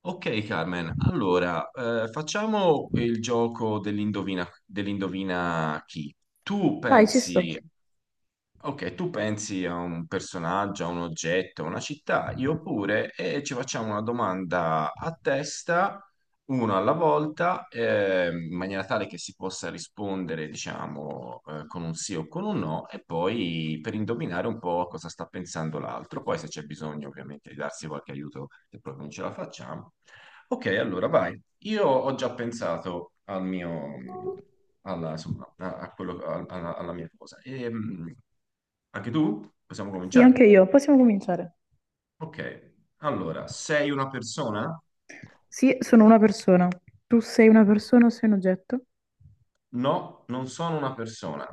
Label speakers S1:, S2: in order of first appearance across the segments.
S1: Ok, Carmen, allora facciamo il gioco dell'indovina chi. Tu
S2: Vai, ci
S1: pensi,
S2: sto.
S1: ok, tu pensi a un personaggio, a un oggetto, a una città, io pure, e ci facciamo una domanda a testa, uno alla volta, in maniera tale che si possa rispondere, diciamo, con un sì o con un no, e poi per indovinare un po' cosa sta pensando l'altro. Poi se c'è bisogno, ovviamente, di darsi qualche aiuto, se proprio non ce la facciamo. Ok, allora vai. Io ho già pensato al mio, alla, insomma, a quello, alla mia cosa. E, anche tu? Possiamo
S2: Sì, anche
S1: cominciare?
S2: io. Possiamo cominciare.
S1: Ok, allora, sei una persona?
S2: Sì, sono una persona. Tu sei una persona o sei un oggetto?
S1: No, non sono una persona.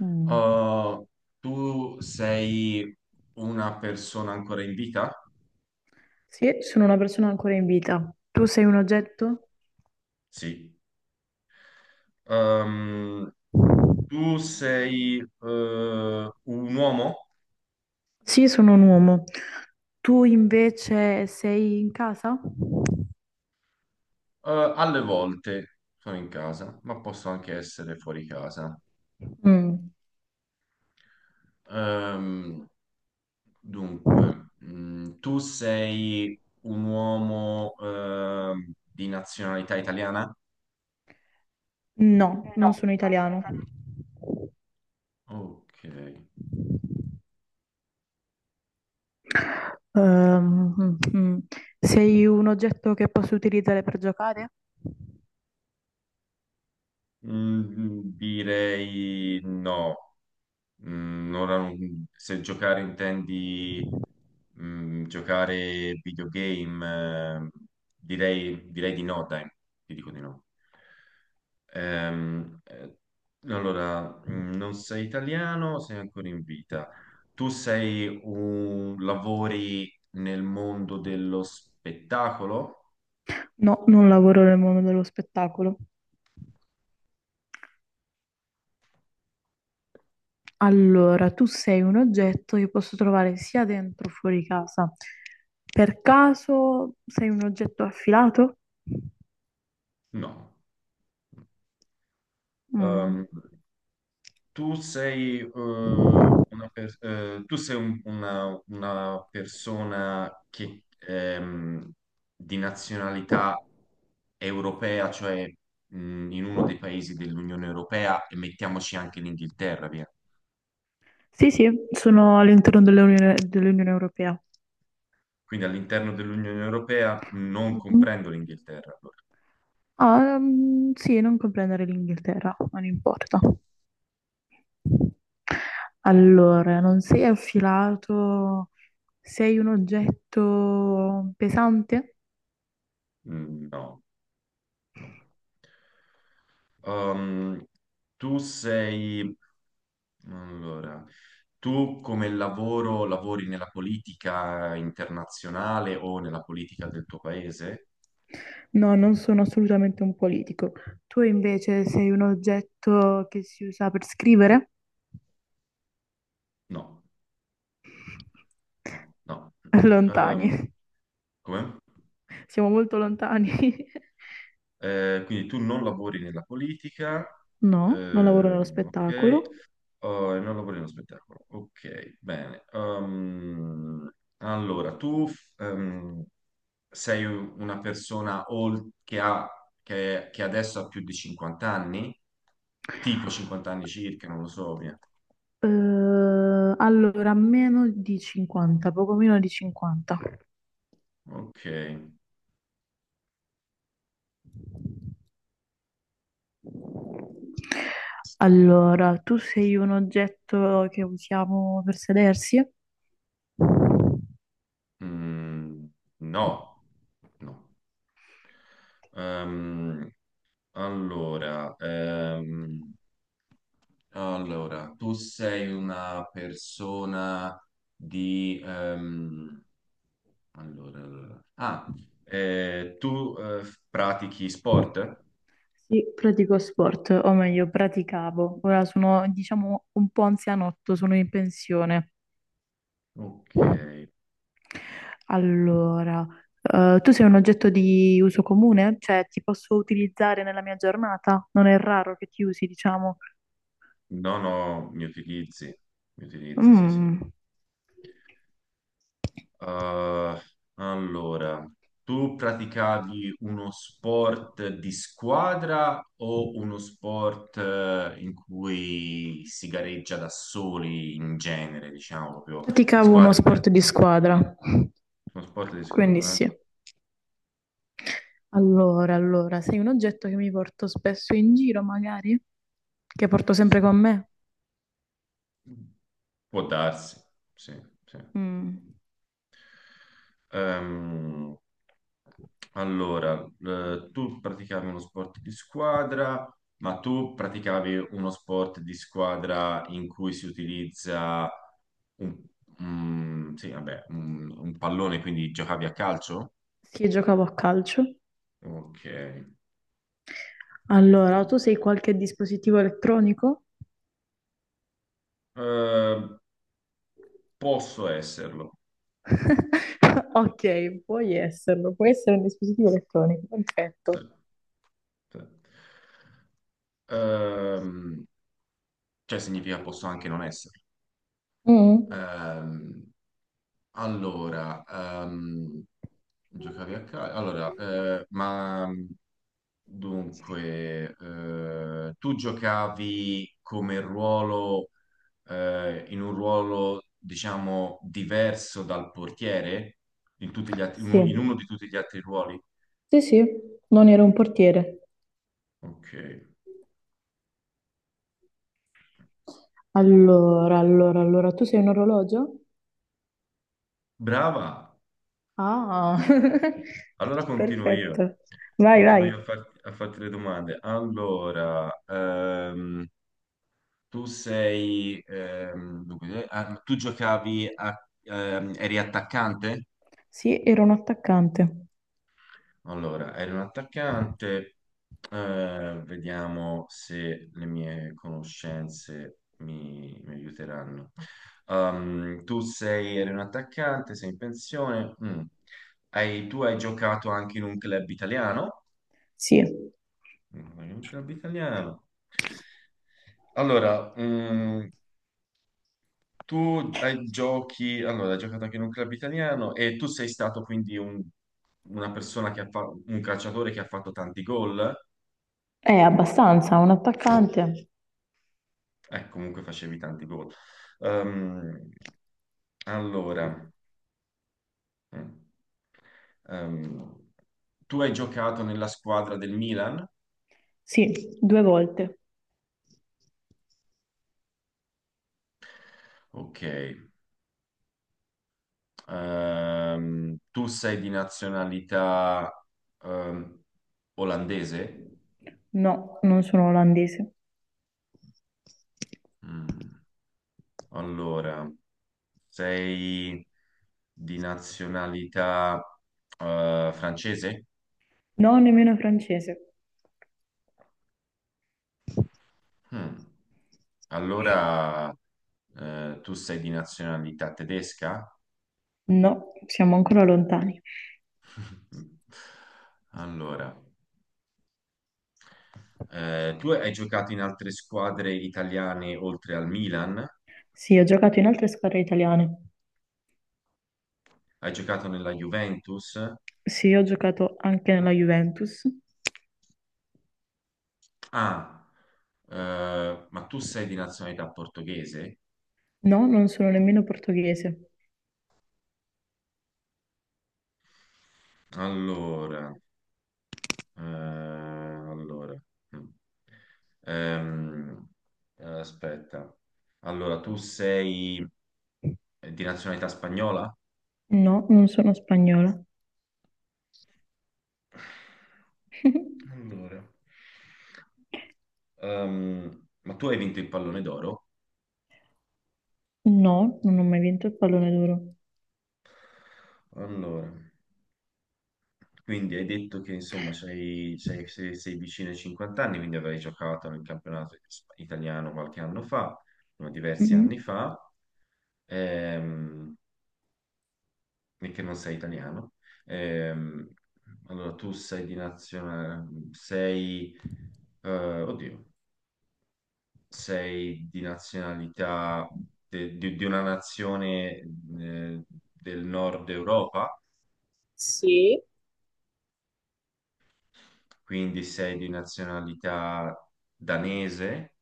S2: Mm.
S1: Uh, tu sei una persona ancora in vita?
S2: Sì, sono una persona ancora in vita. Tu sei un oggetto?
S1: Sì. Um, tu sei un uomo?
S2: Sì, sono un uomo. Tu invece sei in casa?
S1: Alle volte sono in casa, ma posso anche essere fuori casa.
S2: Mm.
S1: Ehm, dunque, mm, tu sei un uomo, di nazionalità italiana?
S2: No,
S1: No,
S2: non sono
S1: non sono
S2: italiano.
S1: italiana. Ok.
S2: Ehm, mm, mm. Sei un oggetto che posso utilizzare per giocare?
S1: Mm, direi no. Mm, ora non- se giocare intendi mm, giocare videogame, direi di no, dai, ti dico di no. Ehm, eh, allora, non sei italiano, sei ancora in vita. Lavori nel mondo dello spettacolo?
S2: No, non lavoro nel mondo dello spettacolo. Allora, tu sei un oggetto che posso trovare sia dentro che fuori casa. Per caso sei un oggetto affilato?
S1: No.
S2: Mm.
S1: Ehm, una persona che, di nazionalità europea, cioè, in uno dei paesi dell'Unione Europea, e mettiamoci anche l'Inghilterra, via.
S2: Sì, sì, sono all'interno dell'Unione Europea.
S1: Quindi all'interno dell'Unione Europea non
S2: Mhm.
S1: comprendo l'Inghilterra, allora.
S2: Ah, sì, non comprendere l'Inghilterra, non importa. Allora, non sei affilato, sei un oggetto pesante?
S1: Mm, no, no. Um, tu sei... Allora, tu come lavoro lavori nella politica internazionale o nella politica del tuo paese?
S2: No, non sono assolutamente un politico. Tu invece sei un oggetto che si usa per scrivere?
S1: No, no, no.
S2: Lontani.
S1: Um, come?
S2: Siamo molto lontani.
S1: Quindi tu non lavori nella politica,
S2: No, non lavoro nello
S1: ok.
S2: spettacolo.
S1: Oh, è un capolino spettacolo. Ok, bene. Allora, sei che ha, che adesso ha più di 50 anni? Tipo 50 anni circa, non lo so, via.
S2: Allora, meno di 50, poco meno di 50.
S1: Ok.
S2: Allora, tu sei un oggetto che usiamo per sedersi?
S1: Mm, no, no. Ehm, allora, ehm, allora, tu sei una persona di... Ah, tu pratichi sport?
S2: Sì, pratico sport, o meglio, praticavo. Ora sono, diciamo, un po' anzianotto, sono in pensione.
S1: Ok.
S2: Allora, tu sei un oggetto di uso comune? Cioè, ti posso utilizzare nella mia giornata? Non è raro che ti usi, diciamo.
S1: No, no, mi utilizzi. Mi utilizzi, sì, sì.
S2: Mm.
S1: Uh, allora, tu praticavi uno sport di squadra o uno sport in cui si gareggia da soli in genere, diciamo proprio di
S2: Praticavo uno
S1: squadra?
S2: sport di squadra,
S1: Uno sport di
S2: quindi
S1: squadra, eh?
S2: sì. Allora, allora, sei un oggetto che mi porto spesso in giro, magari? Che porto sempre con me?
S1: Può darsi, sì, sì.
S2: Mm.
S1: Ehm, allora, tu praticavi uno sport di squadra, ma tu praticavi uno sport di squadra in cui si utilizza un, mm, sì, vabbè, un pallone, quindi giocavi a calcio?
S2: Sì, giocavo a calcio.
S1: Ok. Ok.
S2: Allora, tu sei qualche dispositivo elettronico?
S1: Eh, posso esserlo.
S2: Ok, puoi esserlo, puoi essere un dispositivo elettronico,
S1: Sì,
S2: perfetto.
S1: sì. Ehm, cioè significa posso anche non esserlo.
S2: Mm.
S1: Ehm, Allora, ehm, giocavi a calcio? Allora, ma dunque, tu giocavi come ruolo, in un ruolo, diciamo, diverso dal portiere? In
S2: Sì,
S1: uno di tutti gli altri ruoli?
S2: sì, sì, non ero un portiere.
S1: Ok,
S2: Allora, allora, allora, tu sei un orologio?
S1: brava.
S2: Ah,
S1: Allora continuo io.
S2: perfetto. Vai,
S1: Continuo
S2: vai.
S1: io a, a farti le domande. Tu sei, dunque, ah, tu giocavi a, eri attaccante?
S2: Sì, ero un attaccante.
S1: Allora, eri un attaccante. Vediamo se le mie conoscenze mi aiuteranno. Eri un attaccante, sei in pensione. Mm. Tu hai giocato anche in un club italiano?
S2: Sì,
S1: Mm, in un club italiano. Allora, mm, Tu hai giocato anche in un club italiano e tu sei stato quindi una persona che ha fatto, un calciatore che ha fatto tanti gol?
S2: è abbastanza, un attaccante.
S1: Comunque facevi tanti gol. Ehm, allora, mm, ehm, tu hai giocato nella squadra del Milan?
S2: Sì, due volte.
S1: Ok. Tu sei di nazionalità, ehm, olandese?
S2: No, non sono olandese.
S1: Mm, allora. Sei di nazionalità francese?
S2: No, nemmeno francese.
S1: Hmm. Allora tu sei di nazionalità tedesca?
S2: No, siamo ancora lontani.
S1: Allora, tu hai giocato in altre squadre italiane oltre al Milan?
S2: Sì, ho giocato in altre squadre italiane.
S1: Hai giocato nella Juventus?
S2: Sì, ho giocato anche nella Juventus.
S1: Ah, ma tu sei di nazionalità portoghese?
S2: No, non sono nemmeno portoghese.
S1: Allora. Eh, allora, mm. Ehm, aspetta. Allora, tu sei di nazionalità spagnola?
S2: No, non sono spagnola.
S1: Allora. Ma tu hai vinto il pallone d'oro?
S2: No, non ho mai vinto il pallone d'oro.
S1: Allora, quindi hai detto che insomma sei vicino ai 50 anni, quindi avrai giocato nel campionato italiano qualche anno fa, no, diversi
S2: Mm-mm.
S1: anni fa. Ehm, e che non sei italiano. Ehm, allora, tu sei di nazionalità, sei, eh, oddio, sei di nazionalità di una nazione eh, del nord Europa,
S2: Sì.
S1: quindi sei di nazionalità danese,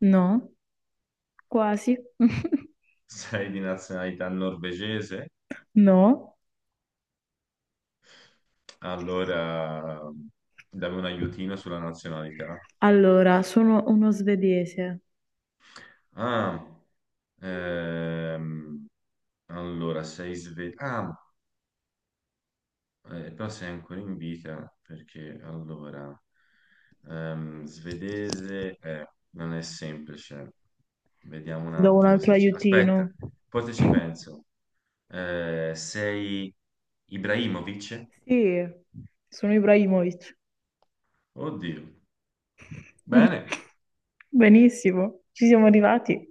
S2: No, quasi.
S1: sei di nazionalità norvegese,
S2: No.
S1: allora dammi un aiutino sulla nazionalità.
S2: Allora, sono uno svedese.
S1: Ah, ehm, allora sei svedese. Però sei ancora in vita perché allora svedese non è semplice. Vediamo un
S2: Ti do un
S1: attimo
S2: altro
S1: se ci...
S2: aiutino.
S1: Aspetta, poi te ci penso. Sei Ibrahimovic?
S2: Sì, sono Ibrahimovic.
S1: Oddio. Bene.
S2: Benissimo, ci siamo arrivati.